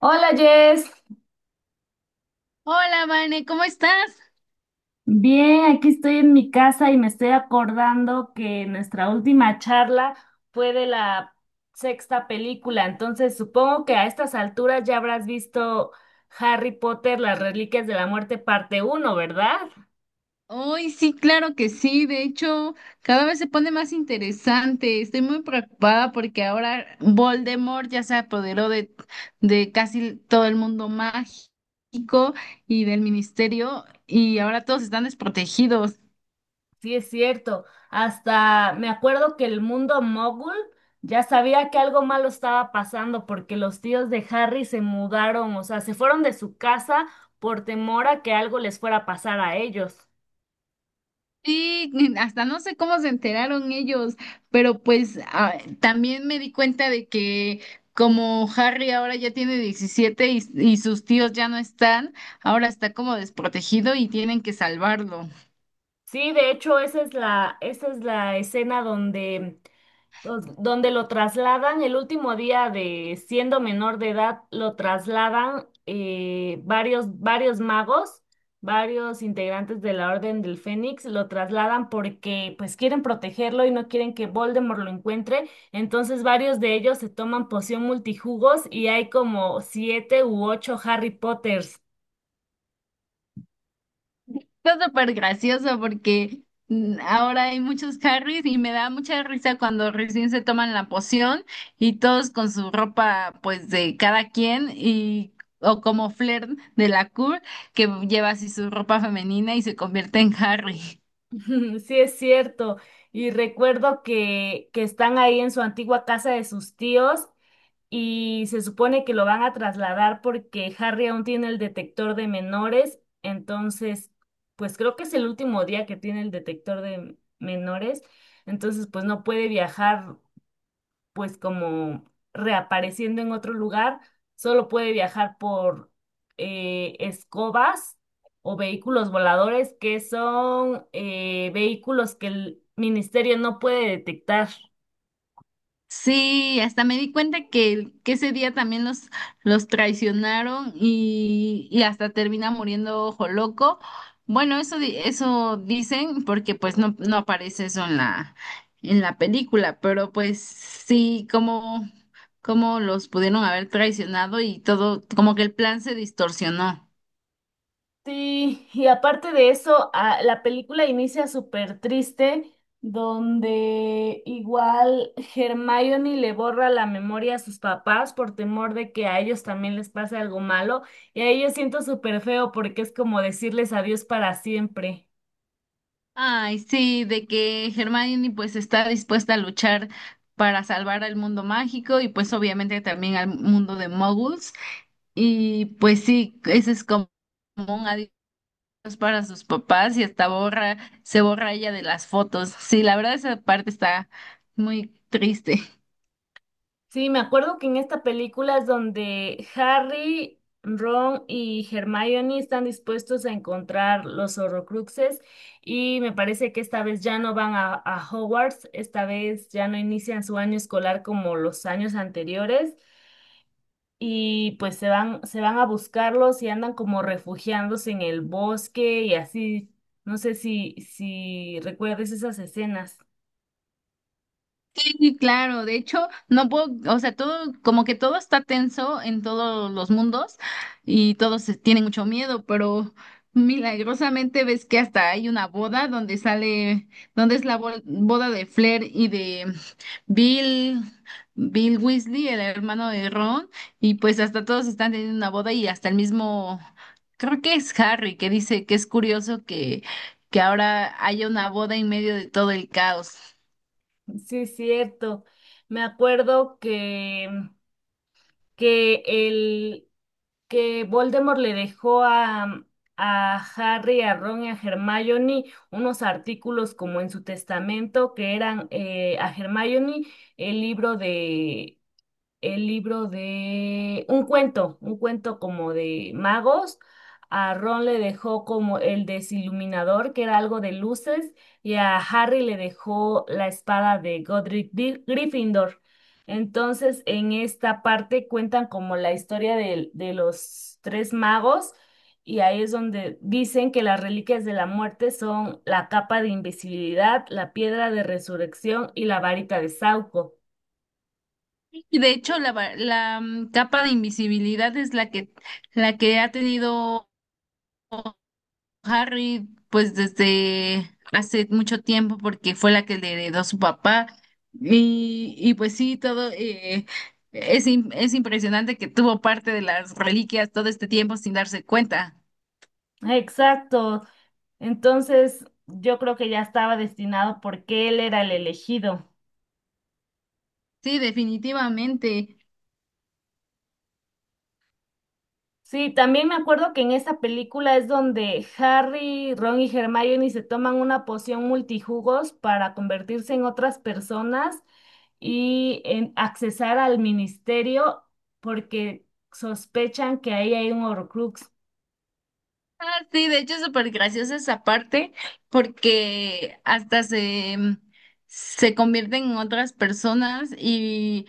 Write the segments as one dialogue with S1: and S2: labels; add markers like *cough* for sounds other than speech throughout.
S1: Hola, Jess.
S2: Hola, Vane, ¿cómo estás?
S1: Bien, aquí estoy en mi casa y me estoy acordando que nuestra última charla fue de la sexta película, entonces supongo que a estas alturas ya habrás visto Harry Potter, las Reliquias de la Muerte, parte uno, ¿verdad?
S2: Hoy sí, claro que sí. De hecho, cada vez se pone más interesante. Estoy muy preocupada porque ahora Voldemort ya se apoderó de casi todo el mundo mágico y del ministerio y ahora todos están desprotegidos.
S1: Sí, es cierto. Hasta me acuerdo que el mundo mogul ya sabía que algo malo estaba pasando porque los tíos de Harry se mudaron, o sea, se fueron de su casa por temor a que algo les fuera a pasar a ellos.
S2: Sí, hasta no sé cómo se enteraron ellos, pero pues también me di cuenta de que como Harry ahora ya tiene 17 y sus tíos ya no están, ahora está como desprotegido y tienen que salvarlo.
S1: Sí, de hecho, esa es la escena donde, donde lo trasladan el último día de siendo menor de edad, lo trasladan varios magos, varios integrantes de la Orden del Fénix, lo trasladan porque pues quieren protegerlo y no quieren que Voldemort lo encuentre. Entonces varios de ellos se toman poción multijugos y hay como siete u ocho Harry Potters.
S2: Está súper gracioso porque ahora hay muchos Harrys y me da mucha risa cuando recién se toman la poción y todos con su ropa pues de cada quien y o como Flair de la Cour que lleva así su ropa femenina y se convierte en Harry.
S1: *laughs* Sí, es cierto. Y recuerdo que están ahí en su antigua casa de sus tíos y se supone que lo van a trasladar porque Harry aún tiene el detector de menores. Entonces, pues creo que es el último día que tiene el detector de menores. Entonces, pues no puede viajar pues como reapareciendo en otro lugar, solo puede viajar por escobas o vehículos voladores, que son vehículos que el ministerio no puede detectar.
S2: Sí, hasta me di cuenta que ese día también los traicionaron y hasta termina muriendo Ojo Loco. Bueno, eso, eso dicen porque pues no aparece eso en en la película, pero pues sí, como, como los pudieron haber traicionado y todo, como que el plan se distorsionó.
S1: Sí, y aparte de eso, la película inicia súper triste, donde igual Hermione le borra la memoria a sus papás por temor de que a ellos también les pase algo malo, y a ellos siento súper feo porque es como decirles adiós para siempre.
S2: Ay, sí, de que Hermione pues está dispuesta a luchar para salvar al mundo mágico y pues obviamente también al mundo de Muggles. Y pues sí, ese es como un adiós para sus papás y hasta borra, se borra ella de las fotos. Sí, la verdad esa parte está muy triste.
S1: Sí, me acuerdo que en esta película es donde Harry, Ron y Hermione están dispuestos a encontrar los Horrocruxes y me parece que esta vez ya no van a Hogwarts, esta vez ya no inician su año escolar como los años anteriores y pues se van a buscarlos y andan como refugiándose en el bosque y así. No sé si recuerdes esas escenas.
S2: Sí, claro, de hecho, no puedo, o sea, todo, como que todo está tenso en todos los mundos y todos tienen mucho miedo, pero milagrosamente ves que hasta hay una boda donde sale, donde es la boda de Flair y de Bill, Bill Weasley, el hermano de Ron, y pues hasta todos están teniendo una boda y hasta el mismo, creo que es Harry, que dice que es curioso que ahora haya una boda en medio de todo el caos.
S1: Sí, es cierto. Me acuerdo que el que Voldemort le dejó a Harry, a Ron y a Hermione unos artículos como en su testamento que eran a Hermione el libro de el libro de un cuento como de magos. A Ron le dejó como el desiluminador, que era algo de luces, y a Harry le dejó la espada de Godric Gryffindor. Entonces, en esta parte cuentan como la historia de los tres magos, y ahí es donde dicen que las reliquias de la muerte son la capa de invisibilidad, la piedra de resurrección y la varita de Sauco.
S2: Y de hecho, la capa de invisibilidad es la que ha tenido Harry, pues desde hace mucho tiempo, porque fue la que le heredó su papá. Y pues sí, todo es, es impresionante que tuvo parte de las reliquias todo este tiempo sin darse cuenta.
S1: Exacto. Entonces, yo creo que ya estaba destinado porque él era el elegido.
S2: Sí, definitivamente.
S1: Sí, también me acuerdo que en esa película es donde Harry, Ron y Hermione se toman una poción multijugos para convertirse en otras personas y en accesar al ministerio porque sospechan que ahí hay un Horcrux.
S2: Ah, sí, de hecho es súper graciosa esa parte, porque hasta se convierten en otras personas y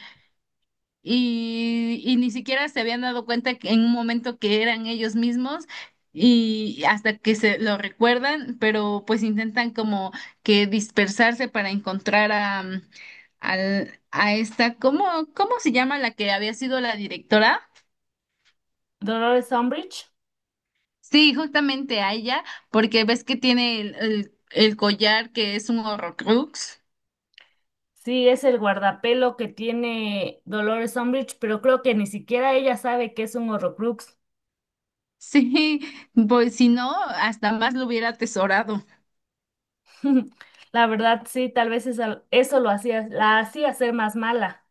S2: y, y ni siquiera se habían dado cuenta que en un momento que eran ellos mismos y hasta que se lo recuerdan, pero pues intentan como que dispersarse para encontrar a esta, ¿cómo, cómo se llama la que había sido la directora?
S1: Dolores Umbridge,
S2: Sí, justamente a ella, porque ves que tiene el collar que es un Horrocrux. *laughs*
S1: sí, es el guardapelo que tiene Dolores Umbridge, pero creo que ni siquiera ella sabe que es un Horcrux.
S2: Sí, pues si no, hasta más lo hubiera atesorado.
S1: *laughs* La verdad, sí, tal vez eso lo hacía, la hacía ser más mala.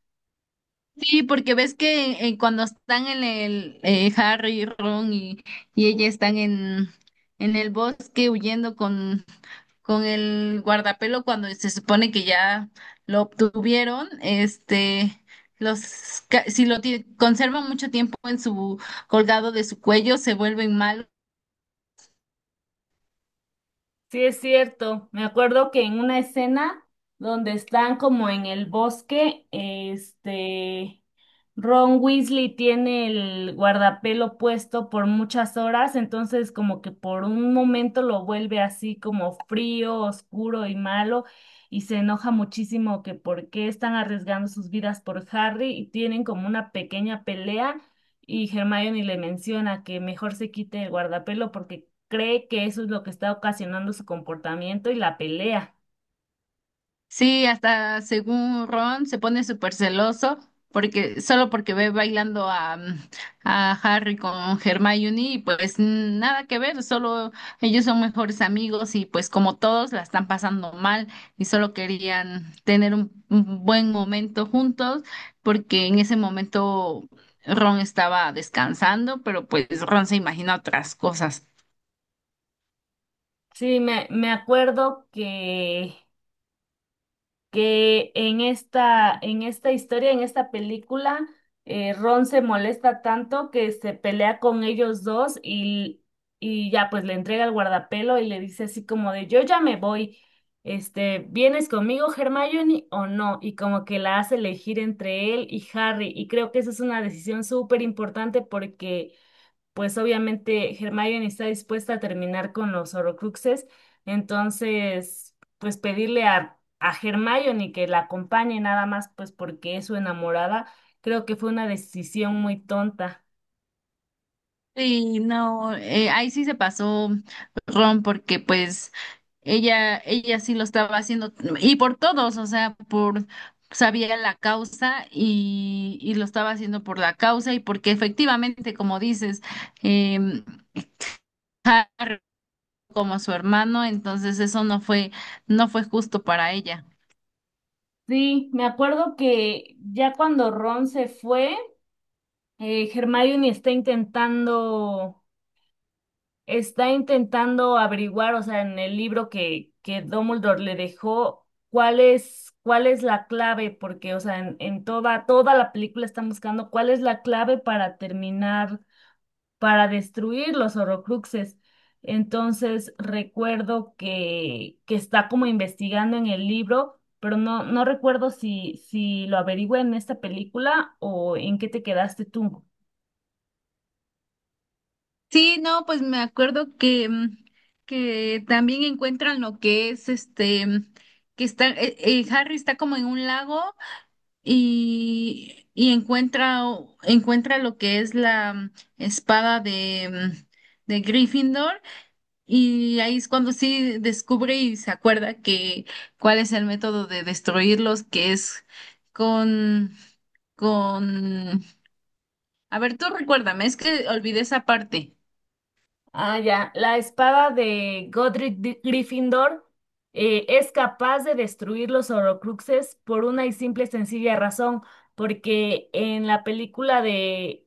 S2: Sí, porque ves que cuando están en el Harry y Ron y ella están en el bosque huyendo con el guardapelo cuando se supone que ya lo obtuvieron, este, los si lo conservan mucho tiempo en su colgado de su cuello, se vuelven malos.
S1: Sí, es cierto. Me acuerdo que en una escena donde están como en el bosque, este, Ron Weasley tiene el guardapelo puesto por muchas horas, entonces como que por un momento lo vuelve así como frío, oscuro y malo, y se enoja muchísimo que por qué están arriesgando sus vidas por Harry y tienen como una pequeña pelea y Hermione le menciona que mejor se quite el guardapelo porque cree que eso es lo que está ocasionando su comportamiento y la pelea.
S2: Sí, hasta según Ron se pone súper celoso porque solo porque ve bailando a Harry con Hermione y pues nada que ver, solo ellos son mejores amigos y pues como todos la están pasando mal y solo querían tener un buen momento juntos porque en ese momento Ron estaba descansando, pero pues Ron se imagina otras cosas.
S1: Sí, me acuerdo que en esta historia, en esta película, Ron se molesta tanto que se pelea con ellos dos y ya pues le entrega el guardapelo y le dice así como de yo ya me voy, este, ¿vienes conmigo, Hermione, o no? Y como que la hace elegir entre él y Harry. Y creo que esa es una decisión súper importante porque pues obviamente Hermione está dispuesta a terminar con los Horrocruxes, entonces, pues pedirle a Hermione que la acompañe nada más, pues porque es su enamorada, creo que fue una decisión muy tonta.
S2: Sí, no, ahí sí se pasó Ron porque pues ella sí lo estaba haciendo y por todos, o sea, por sabía la causa y lo estaba haciendo por la causa y porque efectivamente, como dices, em, como su hermano, entonces eso no fue, no fue justo para ella.
S1: Sí, me acuerdo que ya cuando Ron se fue, Hermione está intentando averiguar, o sea, en el libro que Dumbledore le dejó, cuál es la clave, porque, o sea, en toda, toda la película están buscando cuál es la clave para terminar, para destruir los Horrocruxes. Entonces, recuerdo que está como investigando en el libro, pero no, no recuerdo si, si lo averigüé en esta película o en qué te quedaste tú.
S2: Sí, no, pues me acuerdo que que también encuentran lo que es este, que está, Harry está como en un lago y encuentra, encuentra lo que es la espada de, mm, de Gryffindor y ahí es cuando sí descubre y se acuerda que cuál es el método de destruirlos, que es con, con... A ver, tú recuérdame, es que olvidé esa parte.
S1: Ah, ya. La espada de Godric Gryffindor es capaz de destruir los Horrocruxes por una y simple y sencilla razón, porque en la película de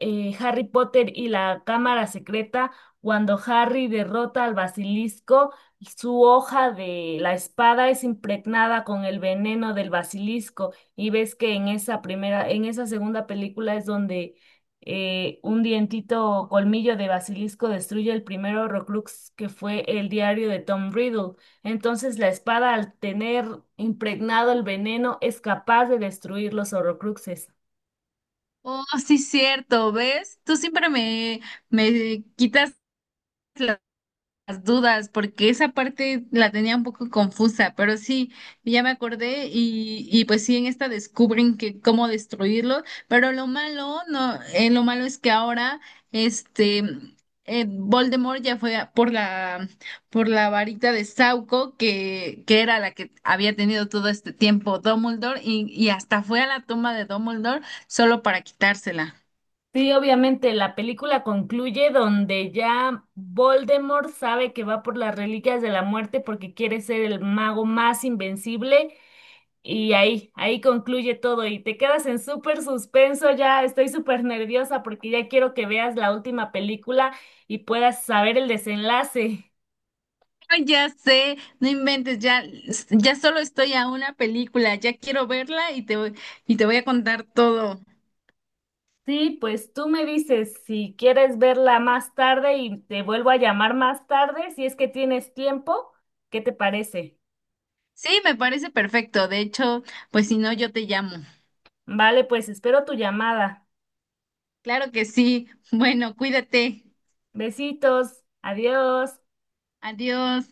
S1: Harry Potter y la Cámara Secreta, cuando Harry derrota al basilisco, su hoja de la espada es impregnada con el veneno del basilisco. Y ves que en esa primera, en esa segunda película es donde un dientito o colmillo de basilisco destruye el primer Horrocrux que fue el diario de Tom Riddle. Entonces la espada al tener impregnado el veneno es capaz de destruir los Horrocruxes.
S2: Oh, sí, cierto, ¿ves? Tú siempre me, me quitas las dudas, porque esa parte la tenía un poco confusa, pero sí, ya me acordé y pues sí, en esta descubren que cómo destruirlo, pero lo malo, no, lo malo es que ahora, este, Voldemort ya por la varita de Sauco, que era la que había tenido todo este tiempo Dumbledore, y hasta fue a la tumba de Dumbledore solo para quitársela.
S1: Sí, obviamente, la película concluye donde ya Voldemort sabe que va por las reliquias de la muerte porque quiere ser el mago más invencible y ahí, ahí concluye todo y te quedas en súper suspenso, ya estoy súper nerviosa porque ya quiero que veas la última película y puedas saber el desenlace.
S2: Ay, ya sé, no inventes, ya, ya solo estoy a una película, ya quiero verla y te voy a contar todo.
S1: Sí, pues tú me dices si quieres verla más tarde y te vuelvo a llamar más tarde, si es que tienes tiempo, ¿qué te parece?
S2: Sí, me parece perfecto, de hecho, pues si no, yo te llamo.
S1: Vale, pues espero tu llamada.
S2: Claro que sí, bueno, cuídate,
S1: Besitos, adiós.
S2: adiós.